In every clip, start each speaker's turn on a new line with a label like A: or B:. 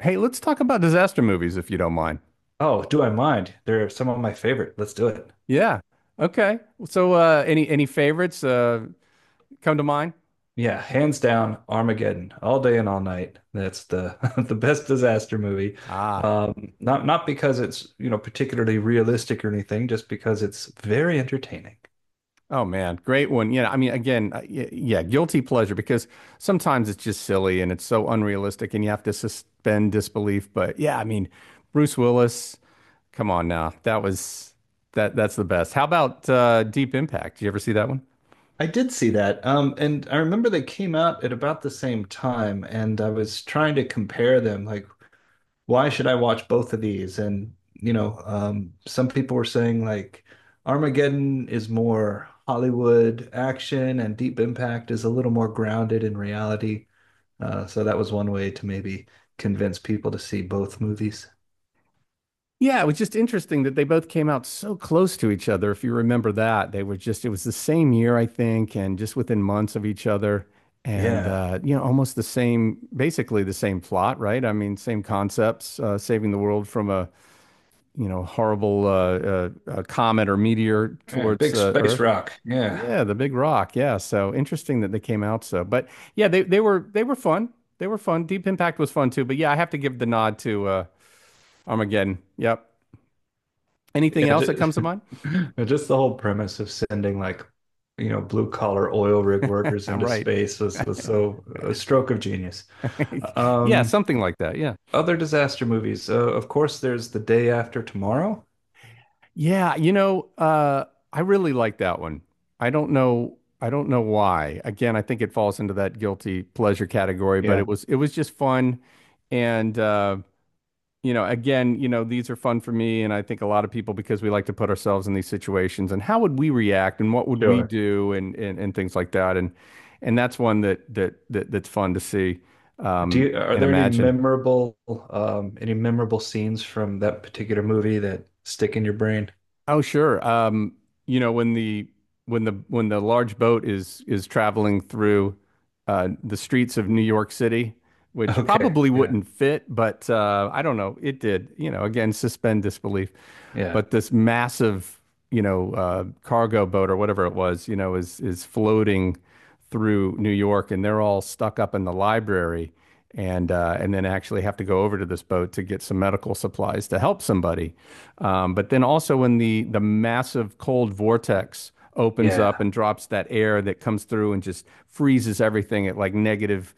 A: Hey, let's talk about disaster movies if you don't mind.
B: Oh, do I mind? They're some of my favorite. Let's do it.
A: Yeah. Okay. So, any favorites come to mind?
B: Yeah, hands down, Armageddon, all day and all night. That's the the best disaster movie.
A: Ah,
B: Not because it's, you know, particularly realistic or anything, just because it's very entertaining.
A: oh man, great one. Yeah, I mean, again, yeah, guilty pleasure because sometimes it's just silly and it's so unrealistic, and you have to suspend disbelief. But yeah, I mean, Bruce Willis, come on now, that was that that's the best. How about Deep Impact? Did you ever see that one?
B: I did see that. And I remember they came out at about the same time, and I was trying to compare them, like why should I watch both of these? Some people were saying like Armageddon is more Hollywood action, and Deep Impact is a little more grounded in reality. So that was one way to maybe convince people to see both movies.
A: Yeah, it was just interesting that they both came out so close to each other. If you remember that, they were just, it was the same year, I think, and just within months of each other. And,
B: Yeah,
A: you know, almost the same, basically the same plot, right? I mean, same concepts, saving the world from a, you know, horrible comet or meteor
B: yeah,
A: towards
B: big space
A: Earth.
B: rock. Yeah,
A: Yeah, the big rock. Yeah. So interesting that they came out so. But yeah, they were fun. They were fun. Deep Impact was fun too. But yeah, I have to give the nod to Armageddon. Yep. Anything
B: yeah,
A: else that
B: just,
A: comes to mind?
B: just the whole premise of sending like. You know, blue collar oil rig workers into
A: Right.
B: space was, was so a stroke of genius.
A: Yeah,
B: Um,
A: something like that. Yeah.
B: Other disaster movies. Of course, there's The Day After Tomorrow.
A: Yeah, you know, I really like that one. I don't know why. Again, I think it falls into that guilty pleasure category, but it
B: Yeah.
A: was it was just fun and you know, again, you know, these are fun for me and I think a lot of people because we like to put ourselves in these situations and how would we react and what would we
B: Sure.
A: do and and things like that and that's one that's fun to see
B: Do you, are
A: and
B: there
A: imagine.
B: any memorable scenes from that particular movie that stick in your brain?
A: Oh, sure. You know, when the large boat is traveling through the streets of New York City, which
B: Okay.
A: probably
B: Yeah.
A: wouldn't fit, but I don't know, it did. You know, again, suspend disbelief.
B: Yeah.
A: But this massive, you know, cargo boat or whatever it was, you know, is floating through New York, and they're all stuck up in the library, and then actually have to go over to this boat to get some medical supplies to help somebody. But then also when the massive cold vortex opens up
B: Yeah.
A: and drops that air that comes through and just freezes everything at like negative,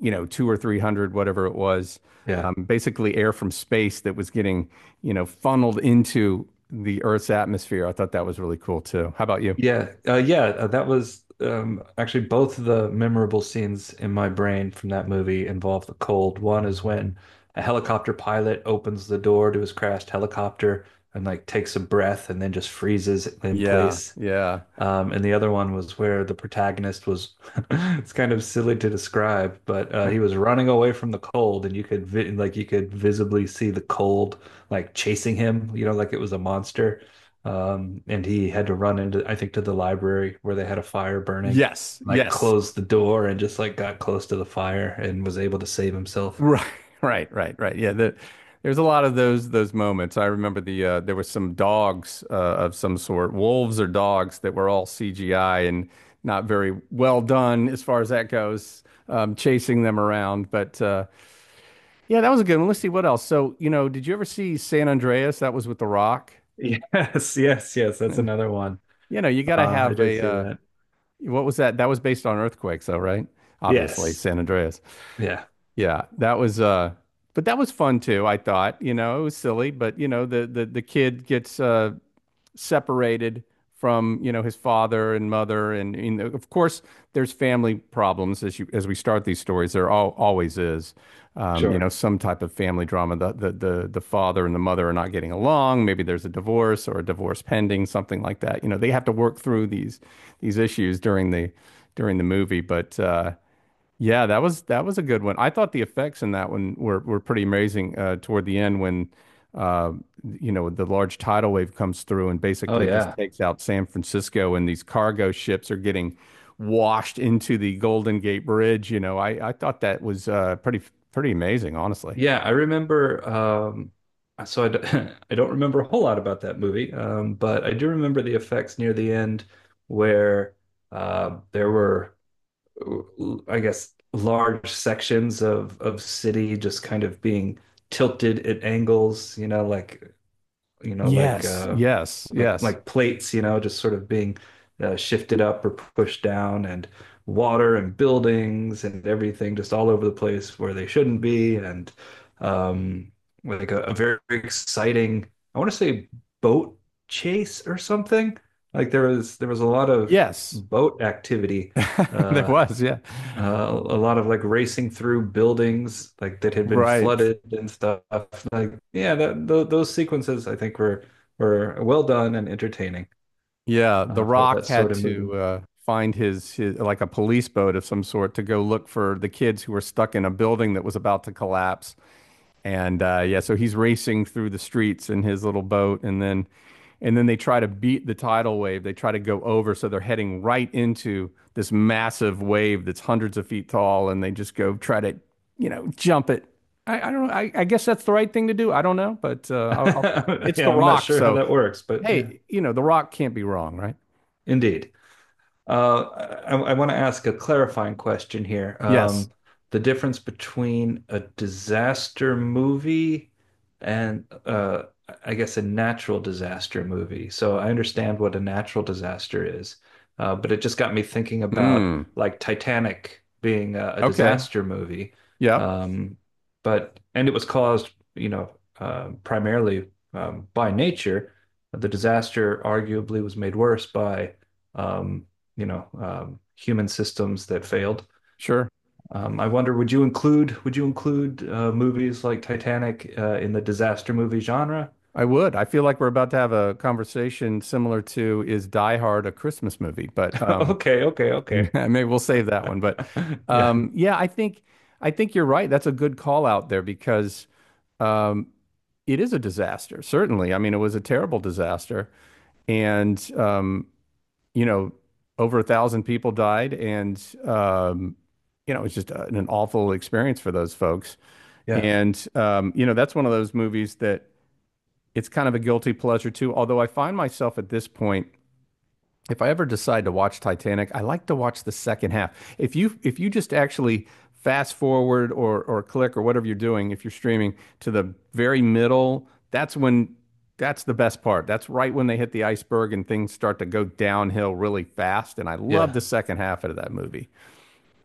A: you know, two or three hundred, whatever it was.
B: Yeah.
A: Basically, air from space that was getting, you know, funneled into the Earth's atmosphere. I thought that was really cool too. How about you?
B: Yeah. Yeah. That was actually both of the memorable scenes in my brain from that movie involve the cold. One is when a helicopter pilot opens the door to his crashed helicopter and like takes a breath and then just freezes in
A: Yeah,
B: place.
A: yeah.
B: And the other one was where the protagonist was, it's kind of silly to describe, but he was running away from the cold and you could vi like you could visibly see the cold like chasing him, you know, like it was a monster. And he had to run into, I think, to the library where they had a fire burning,
A: Yes,
B: like
A: yes.
B: closed the door and just like got close to the fire and was able to save himself.
A: Right, right, right, right. Yeah, there's a lot of those moments. I remember there was some dogs of some sort, wolves or dogs that were all CGI and not very well done as far as that goes, chasing them around. But yeah, that was a good one. Let's see what else. So, you know, did you ever see San Andreas? That was with The Rock.
B: Yes, yes, yes, that's
A: And
B: another one.
A: you know, you got
B: Uh,
A: to
B: I
A: have
B: did
A: a
B: see that.
A: what was that? That was based on earthquakes, though, right? Obviously,
B: Yes.
A: San Andreas.
B: Yeah,
A: Yeah, that was but that was fun too, I thought. You know, it was silly, but you know, the kid gets separated from, you know, his father and mother and you know, of course there's family problems as we start these stories. There always is. You know,
B: sure.
A: some type of family drama. The father and the mother are not getting along. Maybe there's a divorce or a divorce pending, something like that. You know, they have to work through these issues during the movie, but yeah, that was a good one. I thought the effects in that one were pretty amazing toward the end when uh, you know the large tidal wave comes through and
B: Oh
A: basically just
B: yeah.
A: takes out San Francisco and these cargo ships are getting washed into the Golden Gate Bridge. You know, I thought that was pretty amazing, honestly.
B: Yeah, I remember. So I, d I don't remember a whole lot about that movie, but I do remember the effects near the end where there were, I guess, large sections of city just kind of being tilted at angles. You know,
A: Yes, yes, yes,
B: like plates, you know, just sort of being shifted up or pushed down, and water and buildings and everything just all over the place where they shouldn't be, and um, like a very exciting, I want to say boat chase or something. Like there was a lot of
A: yes.
B: boat activity
A: There
B: uh,
A: was, yeah,
B: a lot of like racing through buildings like that had been
A: right.
B: flooded and stuff. Like, yeah, that th those sequences I think were well done and entertaining
A: Yeah, The
B: for
A: Rock
B: that
A: had
B: sort of
A: to
B: movie.
A: find his like a police boat of some sort to go look for the kids who were stuck in a building that was about to collapse. And yeah, so he's racing through the streets in his little boat, and then they try to beat the tidal wave. They try to go over, so they're heading right into this massive wave that's hundreds of feet tall, and they just go try to, you know, jump it. I don't know. I guess that's the right thing to do. I don't know, but it's
B: Yeah,
A: The
B: I'm not
A: Rock,
B: sure how
A: so
B: that works, but yeah,
A: hey, you know, The Rock can't be wrong, right?
B: indeed. Uh, I want to ask a clarifying question here.
A: Yes.
B: The difference between a disaster movie and I guess a natural disaster movie. So I understand what a natural disaster is, but it just got me thinking about
A: Mm.
B: like Titanic being a
A: Okay.
B: disaster movie.
A: Yep.
B: Um, but and it was caused, you know, primarily by nature. The disaster arguably was made worse by um, you know human systems that failed.
A: Sure.
B: I wonder, would you include movies like Titanic in the disaster movie genre?
A: I would. I feel like we're about to have a conversation similar to is Die Hard a Christmas movie? But
B: Okay, okay, okay.
A: maybe we'll save that one. But
B: Yeah,
A: yeah, I think you're right. That's a good call out there because um, it is a disaster. Certainly. I mean, it was a terrible disaster, and you know, over 1,000 people died, and you know, it was just an awful experience for those folks.
B: yeah,
A: And you know, that's one of those movies that it's kind of a guilty pleasure too. Although I find myself at this point, if I ever decide to watch Titanic, I like to watch the second half. If you just actually fast forward or click or whatever you're doing, if you're streaming to the very middle, that's when that's the best part. That's right when they hit the iceberg and things start to go downhill really fast. And I love
B: yeah.
A: the second half of that movie.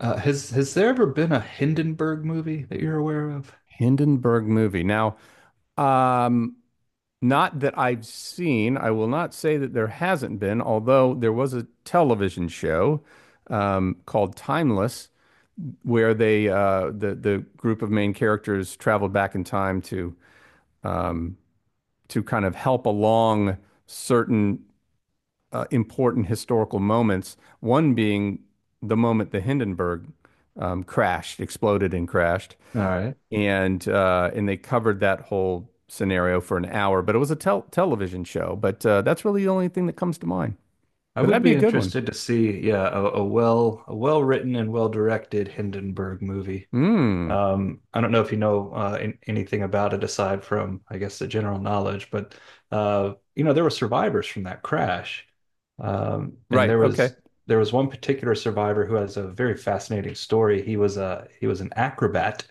B: Has there ever been a Hindenburg movie that you're aware of?
A: Hindenburg movie. Now, um, Not that I've seen. I will not say that there hasn't been, although there was a television show called Timeless, where the group of main characters traveled back in time um, to kind of help along certain important historical moments. One being the moment the Hindenburg crashed, exploded, and crashed
B: All right.
A: and they covered that whole scenario for an hour. But it was a television show. But that's really the only thing that comes to mind.
B: I
A: But
B: would
A: that'd be
B: be
A: a good one.
B: interested to see, yeah, a, a well written and well directed Hindenburg movie.
A: Hmm.
B: I don't know if you know anything about it aside from, I guess, the general knowledge, but you know, there were survivors from that crash, and
A: Right.
B: there
A: Okay.
B: was there was one particular survivor who has a very fascinating story. He was an acrobat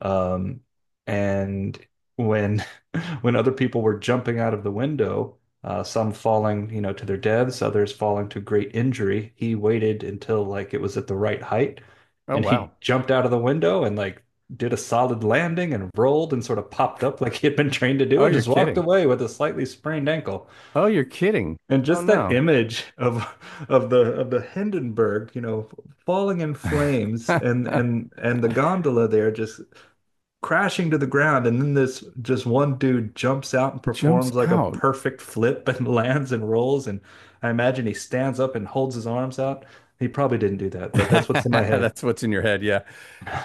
B: um, and when when other people were jumping out of the window, some falling, you know, to their deaths, others falling to great injury, he waited until like it was at the right height,
A: Oh
B: and
A: wow.
B: he jumped out of the window and like did a solid landing and rolled and sort of popped up like he had been trained to do
A: Oh,
B: and
A: you're
B: just walked
A: kidding.
B: away with a slightly sprained ankle.
A: Oh, you're kidding.
B: And
A: Oh
B: just that
A: no.
B: image of of the Hindenburg, you know, falling in flames and the gondola there just crashing to the ground, and then this just one dude jumps out and
A: Jumps
B: performs like a
A: out.
B: perfect flip and lands and rolls. And I imagine he stands up and holds his arms out. He probably didn't do that, but that's what's in my head.
A: That's what's in your head. Yeah.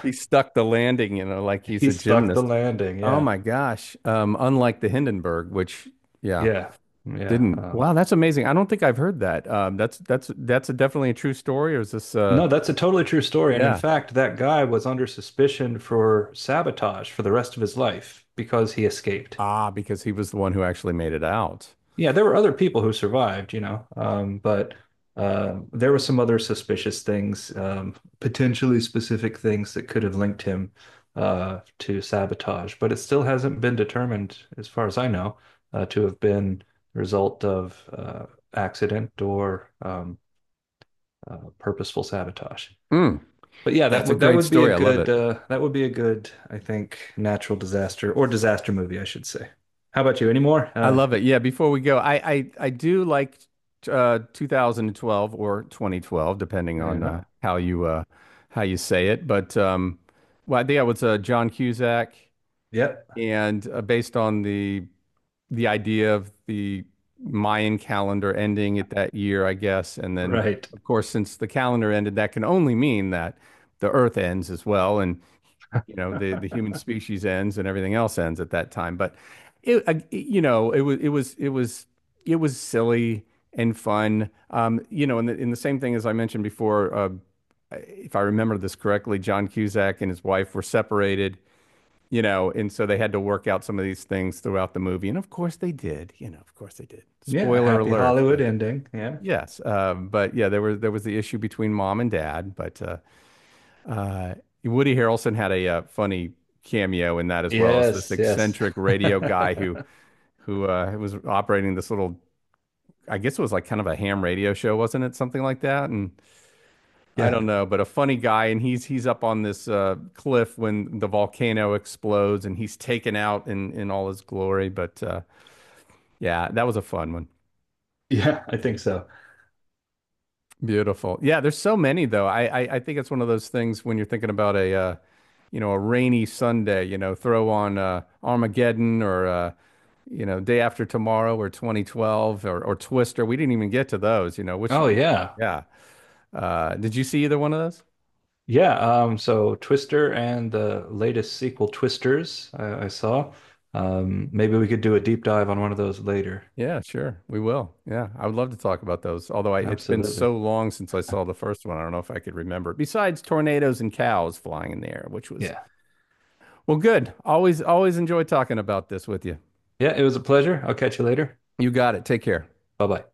A: He stuck the landing, you know, like he's
B: He
A: a
B: stuck the
A: gymnast.
B: landing.
A: Oh
B: Yeah,
A: my gosh. Unlike the Hindenburg, which, yeah,
B: yeah, yeah.
A: didn't. Wow, that's amazing. I don't think I've heard that. That's a definitely a true story, or is this?
B: No, that's a totally true story. And in
A: Yeah.
B: fact, that guy was under suspicion for sabotage for the rest of his life because he escaped.
A: Ah, because he was the one who actually made it out.
B: Yeah, there were other people who survived, you know, but there were some other suspicious things, potentially specific things that could have linked him to sabotage. But it still hasn't been determined, as far as I know, to have been the result of accident or purposeful sabotage.
A: Mm,
B: But yeah, that
A: that's a
B: would that
A: great
B: would be a
A: story. I love
B: good
A: it.
B: that would be a good, I think, natural disaster or disaster movie, I should say. How about you? Any more?
A: I love it. Yeah, before we go, I do like 2012 or 2012, depending on
B: Yeah.
A: how you say it. But well, I think it was John Cusack
B: Yep.
A: and based on the idea of the Mayan calendar ending at that year, I guess. And then
B: Right.
A: of course, since the calendar ended, that can only mean that the earth ends as well. And you know, the human species ends and everything else ends at that time. But you know, it was silly and fun. You know, and the same thing as I mentioned before, if I remember this correctly, John Cusack and his wife were separated. You know, and so they had to work out some of these things throughout the movie, and of course they did. You know, of course they did.
B: Yeah,
A: Spoiler
B: happy
A: alert,
B: Hollywood
A: but
B: ending. Yeah.
A: yes, but yeah, there was the issue between mom and dad, but uh, Woody Harrelson had a funny cameo in that as well as this
B: Yes, yes.
A: eccentric radio guy who who was operating this little, I guess it was like kind of a ham radio show, wasn't it? Something like that. And I
B: Yeah.
A: don't know, but a funny guy, and he's up on this cliff when the volcano explodes, and he's taken out in all his glory. But yeah, that was a fun one.
B: Yeah, I think so.
A: Beautiful. Yeah, there's so many though. I think it's one of those things when you're thinking about a rainy Sunday, you know, throw on Armageddon or Day After Tomorrow or 2012 or Twister. We didn't even get to those, you know, which.
B: Oh yeah.
A: Yeah. Did you see either one of those?
B: Yeah, so Twister and the latest sequel Twisters I saw. Maybe we could do a deep dive on one of those later.
A: Yeah, sure. We will. Yeah, I would love to talk about those. Although it's been
B: Absolutely.
A: so long since I saw the first one, I don't know if I could remember. Besides tornadoes and cows flying in the air, which was
B: Yeah.
A: well, good. Always enjoy talking about this with you.
B: Yeah, it was a pleasure. I'll catch you later.
A: You got it. Take care.
B: Bye-bye.